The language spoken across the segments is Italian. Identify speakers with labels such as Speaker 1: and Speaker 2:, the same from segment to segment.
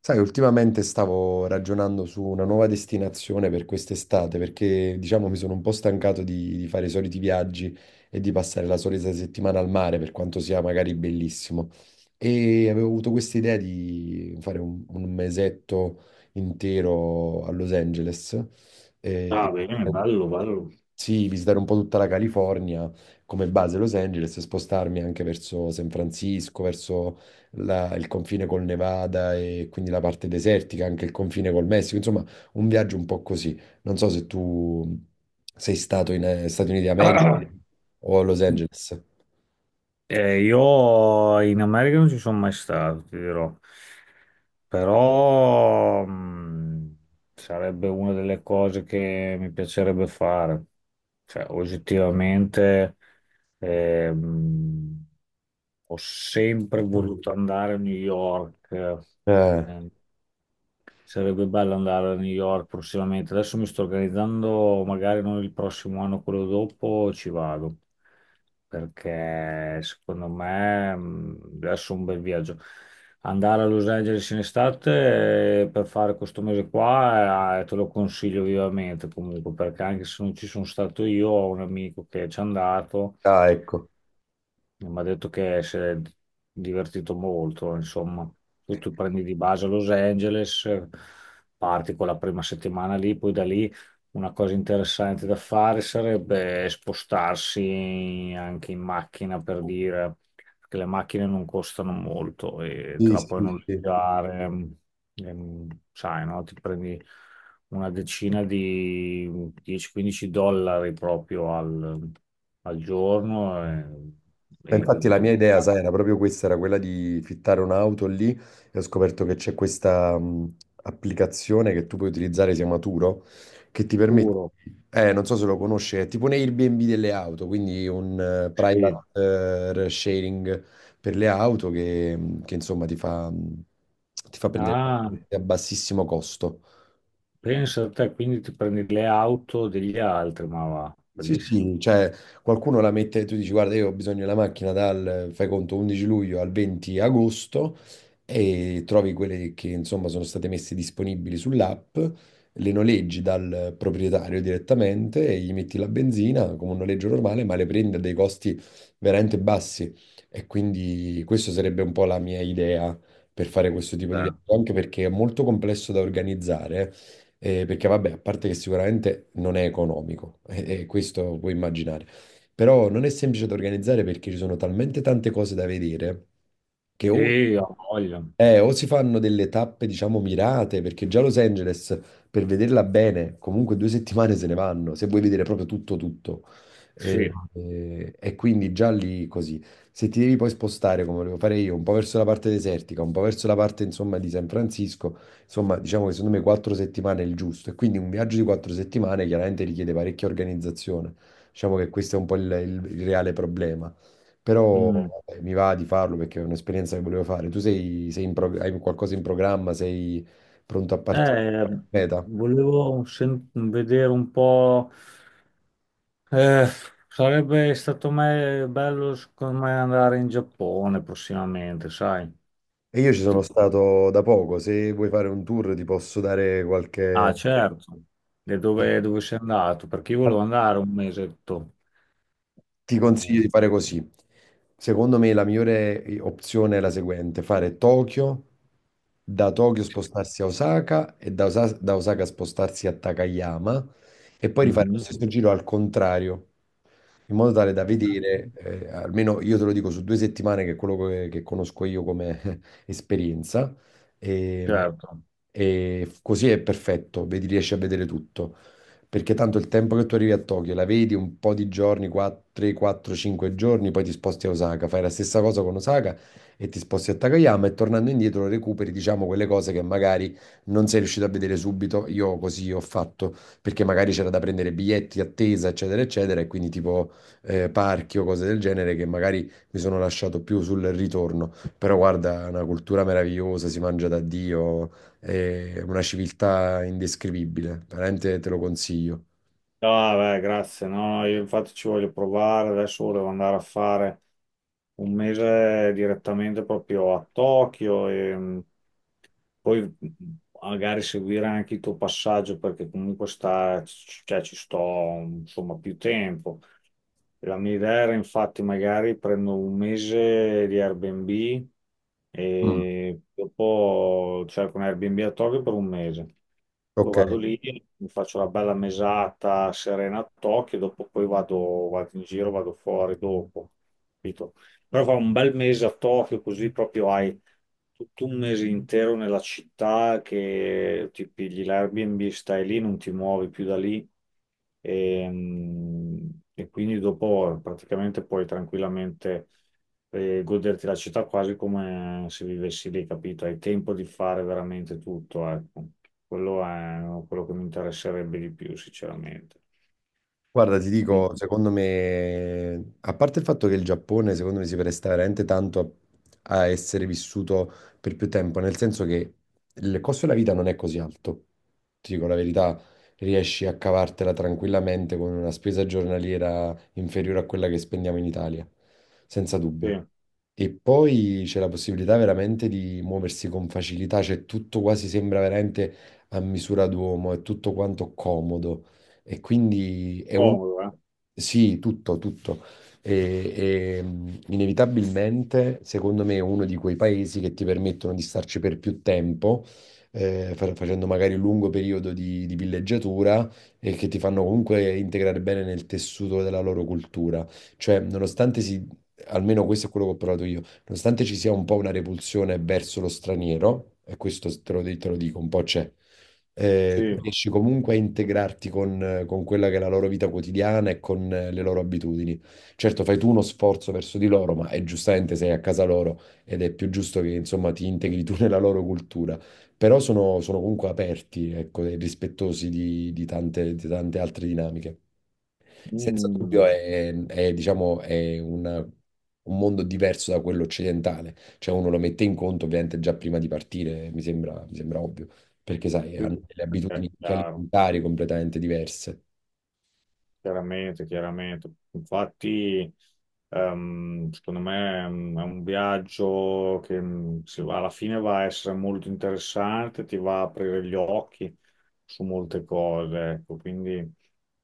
Speaker 1: Sai, ultimamente stavo ragionando su una nuova destinazione per quest'estate perché, diciamo, mi sono un po' stancato di fare i soliti viaggi e di passare la solita settimana al mare, per quanto sia magari bellissimo. E avevo avuto questa idea di fare un mesetto intero a Los Angeles. Mm.
Speaker 2: Ah,
Speaker 1: E
Speaker 2: bene, bello, bello.
Speaker 1: sì, visitare un po' tutta la California come base Los Angeles e spostarmi anche verso San Francisco, verso il confine col Nevada e quindi la parte desertica, anche il confine col Messico, insomma, un viaggio un po' così. Non so se tu sei stato in Stati Uniti d'America o a Los Angeles.
Speaker 2: Io in America non ci sono mai stato, ti dirò. Però sarebbe una delle cose che mi piacerebbe fare. Cioè, oggettivamente ehm, ho sempre voluto andare a New York.
Speaker 1: Eh,
Speaker 2: Ehm, Sarebbe bello andare a New York prossimamente. Adesso mi sto organizzando, magari non il prossimo anno, quello dopo ci vado, perché secondo me adesso è un bel viaggio. Andare a Los Angeles in estate per fare questo mese qua, te lo consiglio vivamente comunque, perché anche se non ci sono stato io, ho un amico che ci è andato.
Speaker 1: ah, ecco.
Speaker 2: Mi ha detto che si è divertito molto, insomma. Tu ti prendi di base a Los Angeles, parti con la prima settimana lì, poi da lì una cosa interessante da fare sarebbe spostarsi anche in macchina per dire che le macchine non costano molto e te
Speaker 1: Sì,
Speaker 2: la puoi
Speaker 1: sì, sì.
Speaker 2: noleggiare, sai, no? Ti prendi una decina di 10-15 dollari proprio al giorno. eh,
Speaker 1: Ma infatti
Speaker 2: il
Speaker 1: la mia
Speaker 2: tuo
Speaker 1: idea, sai, era proprio questa, era quella di fittare un'auto lì e ho scoperto che c'è questa applicazione che tu puoi utilizzare, si chiama Turo, che ti permette,
Speaker 2: puro.
Speaker 1: non so se lo conosci, è tipo un Airbnb delle auto, quindi un
Speaker 2: Sì.
Speaker 1: private sharing per le auto che, che, insomma ti fa, ti fa prendere
Speaker 2: Ah,
Speaker 1: a bassissimo costo.
Speaker 2: pensa a te, quindi ti prendi le auto degli altri, ma va,
Speaker 1: Sì,
Speaker 2: bellissimo.
Speaker 1: sì, cioè qualcuno la mette, tu dici guarda io ho bisogno della macchina dal, fai conto, 11 luglio al 20 agosto e trovi quelle che insomma sono state messe disponibili sull'app, le noleggi dal proprietario direttamente e gli metti la benzina come un noleggio normale, ma le prendi a dei costi veramente bassi, e quindi questa sarebbe un po' la mia idea per fare questo tipo di
Speaker 2: Eh.
Speaker 1: viaggio, anche perché è molto complesso da organizzare, perché vabbè, a parte che sicuramente non è economico, e questo puoi immaginare, però non è semplice da organizzare perché ci sono talmente tante cose da vedere che
Speaker 2: Sì, ho voglia.
Speaker 1: o si fanno delle tappe, diciamo, mirate, perché già Los Angeles, per vederla bene, comunque 2 settimane se ne vanno, se vuoi vedere proprio tutto, tutto. E,
Speaker 2: Sì.
Speaker 1: e- e quindi già lì così. Se ti devi poi spostare, come volevo fare io, un po' verso la parte desertica, un po' verso la parte, insomma, di San Francisco, insomma, diciamo che secondo me 4 settimane è il giusto. E quindi un viaggio di 4 settimane chiaramente richiede parecchia organizzazione. Diciamo che questo è un po' il reale problema.
Speaker 2: Mm.
Speaker 1: Però vabbè, mi va di farlo perché è un'esperienza che volevo fare. Tu sei, hai qualcosa in programma, sei pronto a partire?
Speaker 2: Eh,
Speaker 1: Meta.
Speaker 2: volevo vedere un po'. Eh, sarebbe stato bello, secondo me, andare in Giappone prossimamente, sai?
Speaker 1: E io ci sono
Speaker 2: Sì.
Speaker 1: stato da poco, se vuoi fare un tour ti posso dare
Speaker 2: Ah,
Speaker 1: qualche...
Speaker 2: certo. E dove sei andato? Perché io volevo andare un mesetto.
Speaker 1: Ti consiglio di
Speaker 2: Eh,
Speaker 1: fare così. Secondo me la migliore opzione è la seguente, fare Tokyo, da Tokyo
Speaker 2: sì.
Speaker 1: spostarsi a Osaka e da Osaka, spostarsi a Takayama e poi rifare lo
Speaker 2: Mhm.
Speaker 1: stesso giro al contrario, in modo tale da vedere, almeno io te lo dico su 2 settimane, che è quello che conosco io come esperienza, e,
Speaker 2: Certo.
Speaker 1: e così è perfetto, vedi, riesci a vedere tutto perché tanto il tempo che tu arrivi a Tokyo la vedi un po' di giorni, 3, 4, 5 giorni, poi ti sposti a Osaka, fai la stessa cosa con Osaka e ti sposti a Takayama e tornando indietro recuperi, diciamo, quelle cose che magari non sei riuscito a vedere subito. Io così ho fatto, perché magari c'era da prendere biglietti, attesa, eccetera, eccetera, e quindi tipo parchi o cose del genere che magari mi sono lasciato più sul ritorno. Però guarda, è una cultura meravigliosa, si mangia da Dio, è una civiltà indescrivibile, veramente te lo consiglio.
Speaker 2: No, vabbè, grazie. No, no, io infatti ci voglio provare. Adesso volevo andare a fare un mese direttamente proprio a Tokyo e poi magari seguire anche il tuo passaggio perché comunque sta, cioè, ci sto insomma più tempo. La mia idea era infatti magari prendo un mese di Airbnb
Speaker 1: Mm.
Speaker 2: e dopo cerco un Airbnb a Tokyo per un mese. Poi
Speaker 1: Ok,
Speaker 2: vado lì, mi faccio la bella mesata serena a Tokyo, dopo poi vado in giro, vado fuori dopo, capito? Però fa un bel mese a Tokyo, così proprio hai tutto un mese intero nella città che ti pigli l'Airbnb, stai lì, non ti muovi più da lì e, mm, e quindi dopo praticamente puoi tranquillamente goderti la città quasi come se vivessi lì, capito? Hai tempo di fare veramente tutto, ecco. Quello è quello che mi interesserebbe di più, sinceramente.
Speaker 1: guarda, ti
Speaker 2: Quindi,
Speaker 1: dico, secondo me, a parte il fatto che il Giappone, secondo me, si presta veramente tanto a essere vissuto per più tempo, nel senso che il costo della vita non è così alto. Ti dico la verità, riesci a cavartela tranquillamente con una spesa giornaliera inferiore a quella che spendiamo in Italia, senza
Speaker 2: sì,
Speaker 1: dubbio. E poi c'è la possibilità veramente di muoversi con facilità, cioè tutto quasi sembra veramente a misura d'uomo, è tutto quanto comodo. E quindi è un...
Speaker 2: comodo, eh?
Speaker 1: Sì, tutto, tutto. E- Inevitabilmente, secondo me, è uno di quei paesi che ti permettono di starci per più tempo, facendo magari un lungo periodo di villeggiatura e che ti fanno comunque integrare bene nel tessuto della loro cultura. Cioè, nonostante si, almeno questo è quello che ho provato io, nonostante ci sia un po' una repulsione verso lo straniero, e questo te lo dico, un po' c'è, tu
Speaker 2: Sì.
Speaker 1: riesci comunque a integrarti con quella che è la loro vita quotidiana e con le loro abitudini. Certo, fai tu uno sforzo verso di loro, ma è giustamente sei a casa loro ed è più giusto che insomma ti integri tu nella loro cultura. Però sono comunque aperti, ecco, e rispettosi di tante, di tante altre dinamiche. Senza dubbio
Speaker 2: Mm.
Speaker 1: è, diciamo, è un mondo diverso da quello occidentale. Cioè uno lo mette in conto ovviamente già prima di partire, mi sembra ovvio, perché sai, hanno
Speaker 2: Mm.
Speaker 1: delle
Speaker 2: Ok,
Speaker 1: abitudini anche
Speaker 2: chiaro.
Speaker 1: alimentari completamente diverse.
Speaker 2: Chiaramente, chiaramente. Infatti, secondo me è un viaggio che alla fine va a essere molto interessante, ti va a aprire gli occhi su molte cose, ecco. Quindi,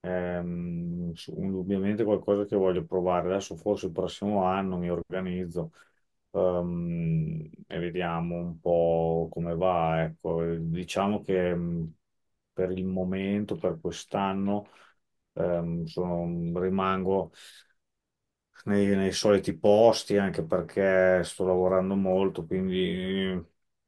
Speaker 2: indubbiamente qualcosa che voglio provare. Adesso forse il prossimo anno mi organizzo, e vediamo un po' come va, ecco. Diciamo che per il momento, per quest'anno rimango nei soliti posti anche perché sto lavorando molto, quindi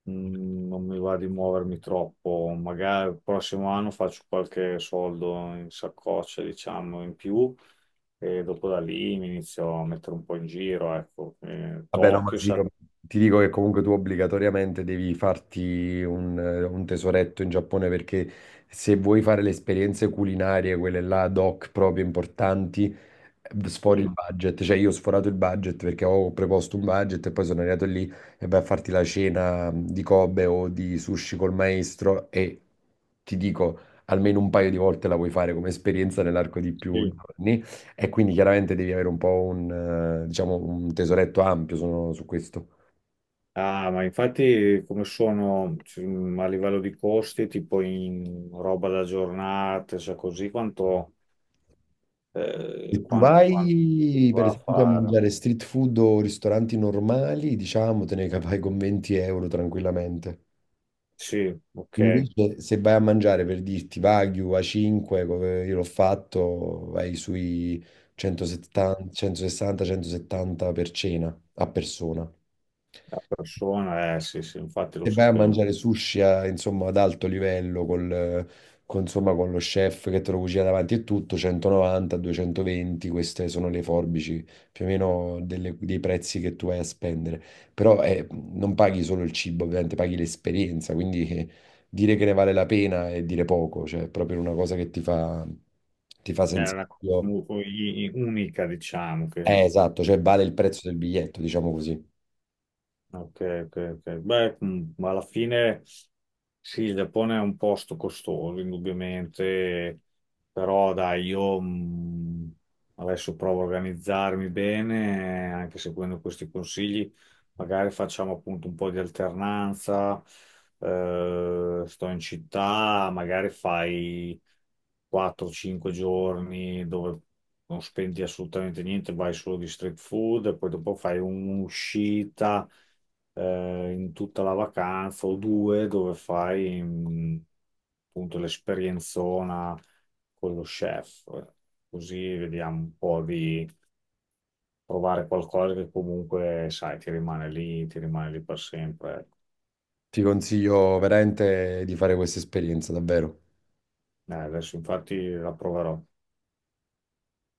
Speaker 2: non mi va di muovermi troppo. Magari il prossimo anno faccio qualche soldo in saccoccia, diciamo, in più. E dopo da lì mi inizio a mettere un po' in giro, ecco.
Speaker 1: Vabbè, no, ma
Speaker 2: Tokyo,
Speaker 1: sì, io ti dico che comunque tu obbligatoriamente devi farti un tesoretto in Giappone, perché se vuoi fare le esperienze culinarie, quelle là ad hoc proprio importanti, sfori
Speaker 2: sì,
Speaker 1: il budget. Cioè io ho sforato il budget perché ho preposto un budget e poi sono arrivato lì e vai a farti la cena di Kobe o di sushi col maestro e ti dico almeno un paio di volte la vuoi fare come esperienza nell'arco di più
Speaker 2: sì.
Speaker 1: giorni. E quindi chiaramente devi avere un po' diciamo, un tesoretto ampio su questo.
Speaker 2: Ah, ma infatti come sono cioè, a livello di costi, tipo in roba da giornate, cioè così, quanto eh,
Speaker 1: Se tu
Speaker 2: quan- quanto, si
Speaker 1: vai, per
Speaker 2: va a
Speaker 1: esempio, a
Speaker 2: fare.
Speaker 1: mangiare street food o ristoranti normali, diciamo, te ne capai con 20 euro tranquillamente.
Speaker 2: Sì, ok,
Speaker 1: Invece, se vai a mangiare per dirti Wagyu A5, come io l'ho fatto, vai sui 170, 160-170 per cena a persona.
Speaker 2: la persona, sì, sì, infatti lo
Speaker 1: Se vai a
Speaker 2: sapevo.
Speaker 1: mangiare sushi insomma, ad alto livello col, con, insomma, con lo chef che te lo cucina davanti e tutto, 190-220, queste sono le forbici più o meno dei prezzi che tu vai a spendere. Però non paghi solo il cibo, ovviamente paghi l'esperienza, quindi dire che ne vale la pena è dire poco, cioè è proprio una cosa che ti fa
Speaker 2: Era una cosa
Speaker 1: sensazione.
Speaker 2: molto unica, diciamo, che.
Speaker 1: Esatto, cioè vale il prezzo del biglietto, diciamo così.
Speaker 2: Ok, ok, ok. Beh, ma alla fine sì, il Giappone è un posto costoso, indubbiamente, però dai, io adesso provo a organizzarmi bene, anche seguendo questi consigli, magari facciamo appunto un po' di alternanza, sto in città, magari fai 4-5 giorni dove non spendi assolutamente niente, vai solo di street food, e poi dopo fai un'uscita in tutta la vacanza o due dove fai appunto l'esperienzona con lo chef. Così vediamo un po' di provare qualcosa che comunque, sai, ti rimane lì per sempre, ecco.
Speaker 1: Ti consiglio veramente di fare questa esperienza, davvero.
Speaker 2: Adesso infatti la proverò.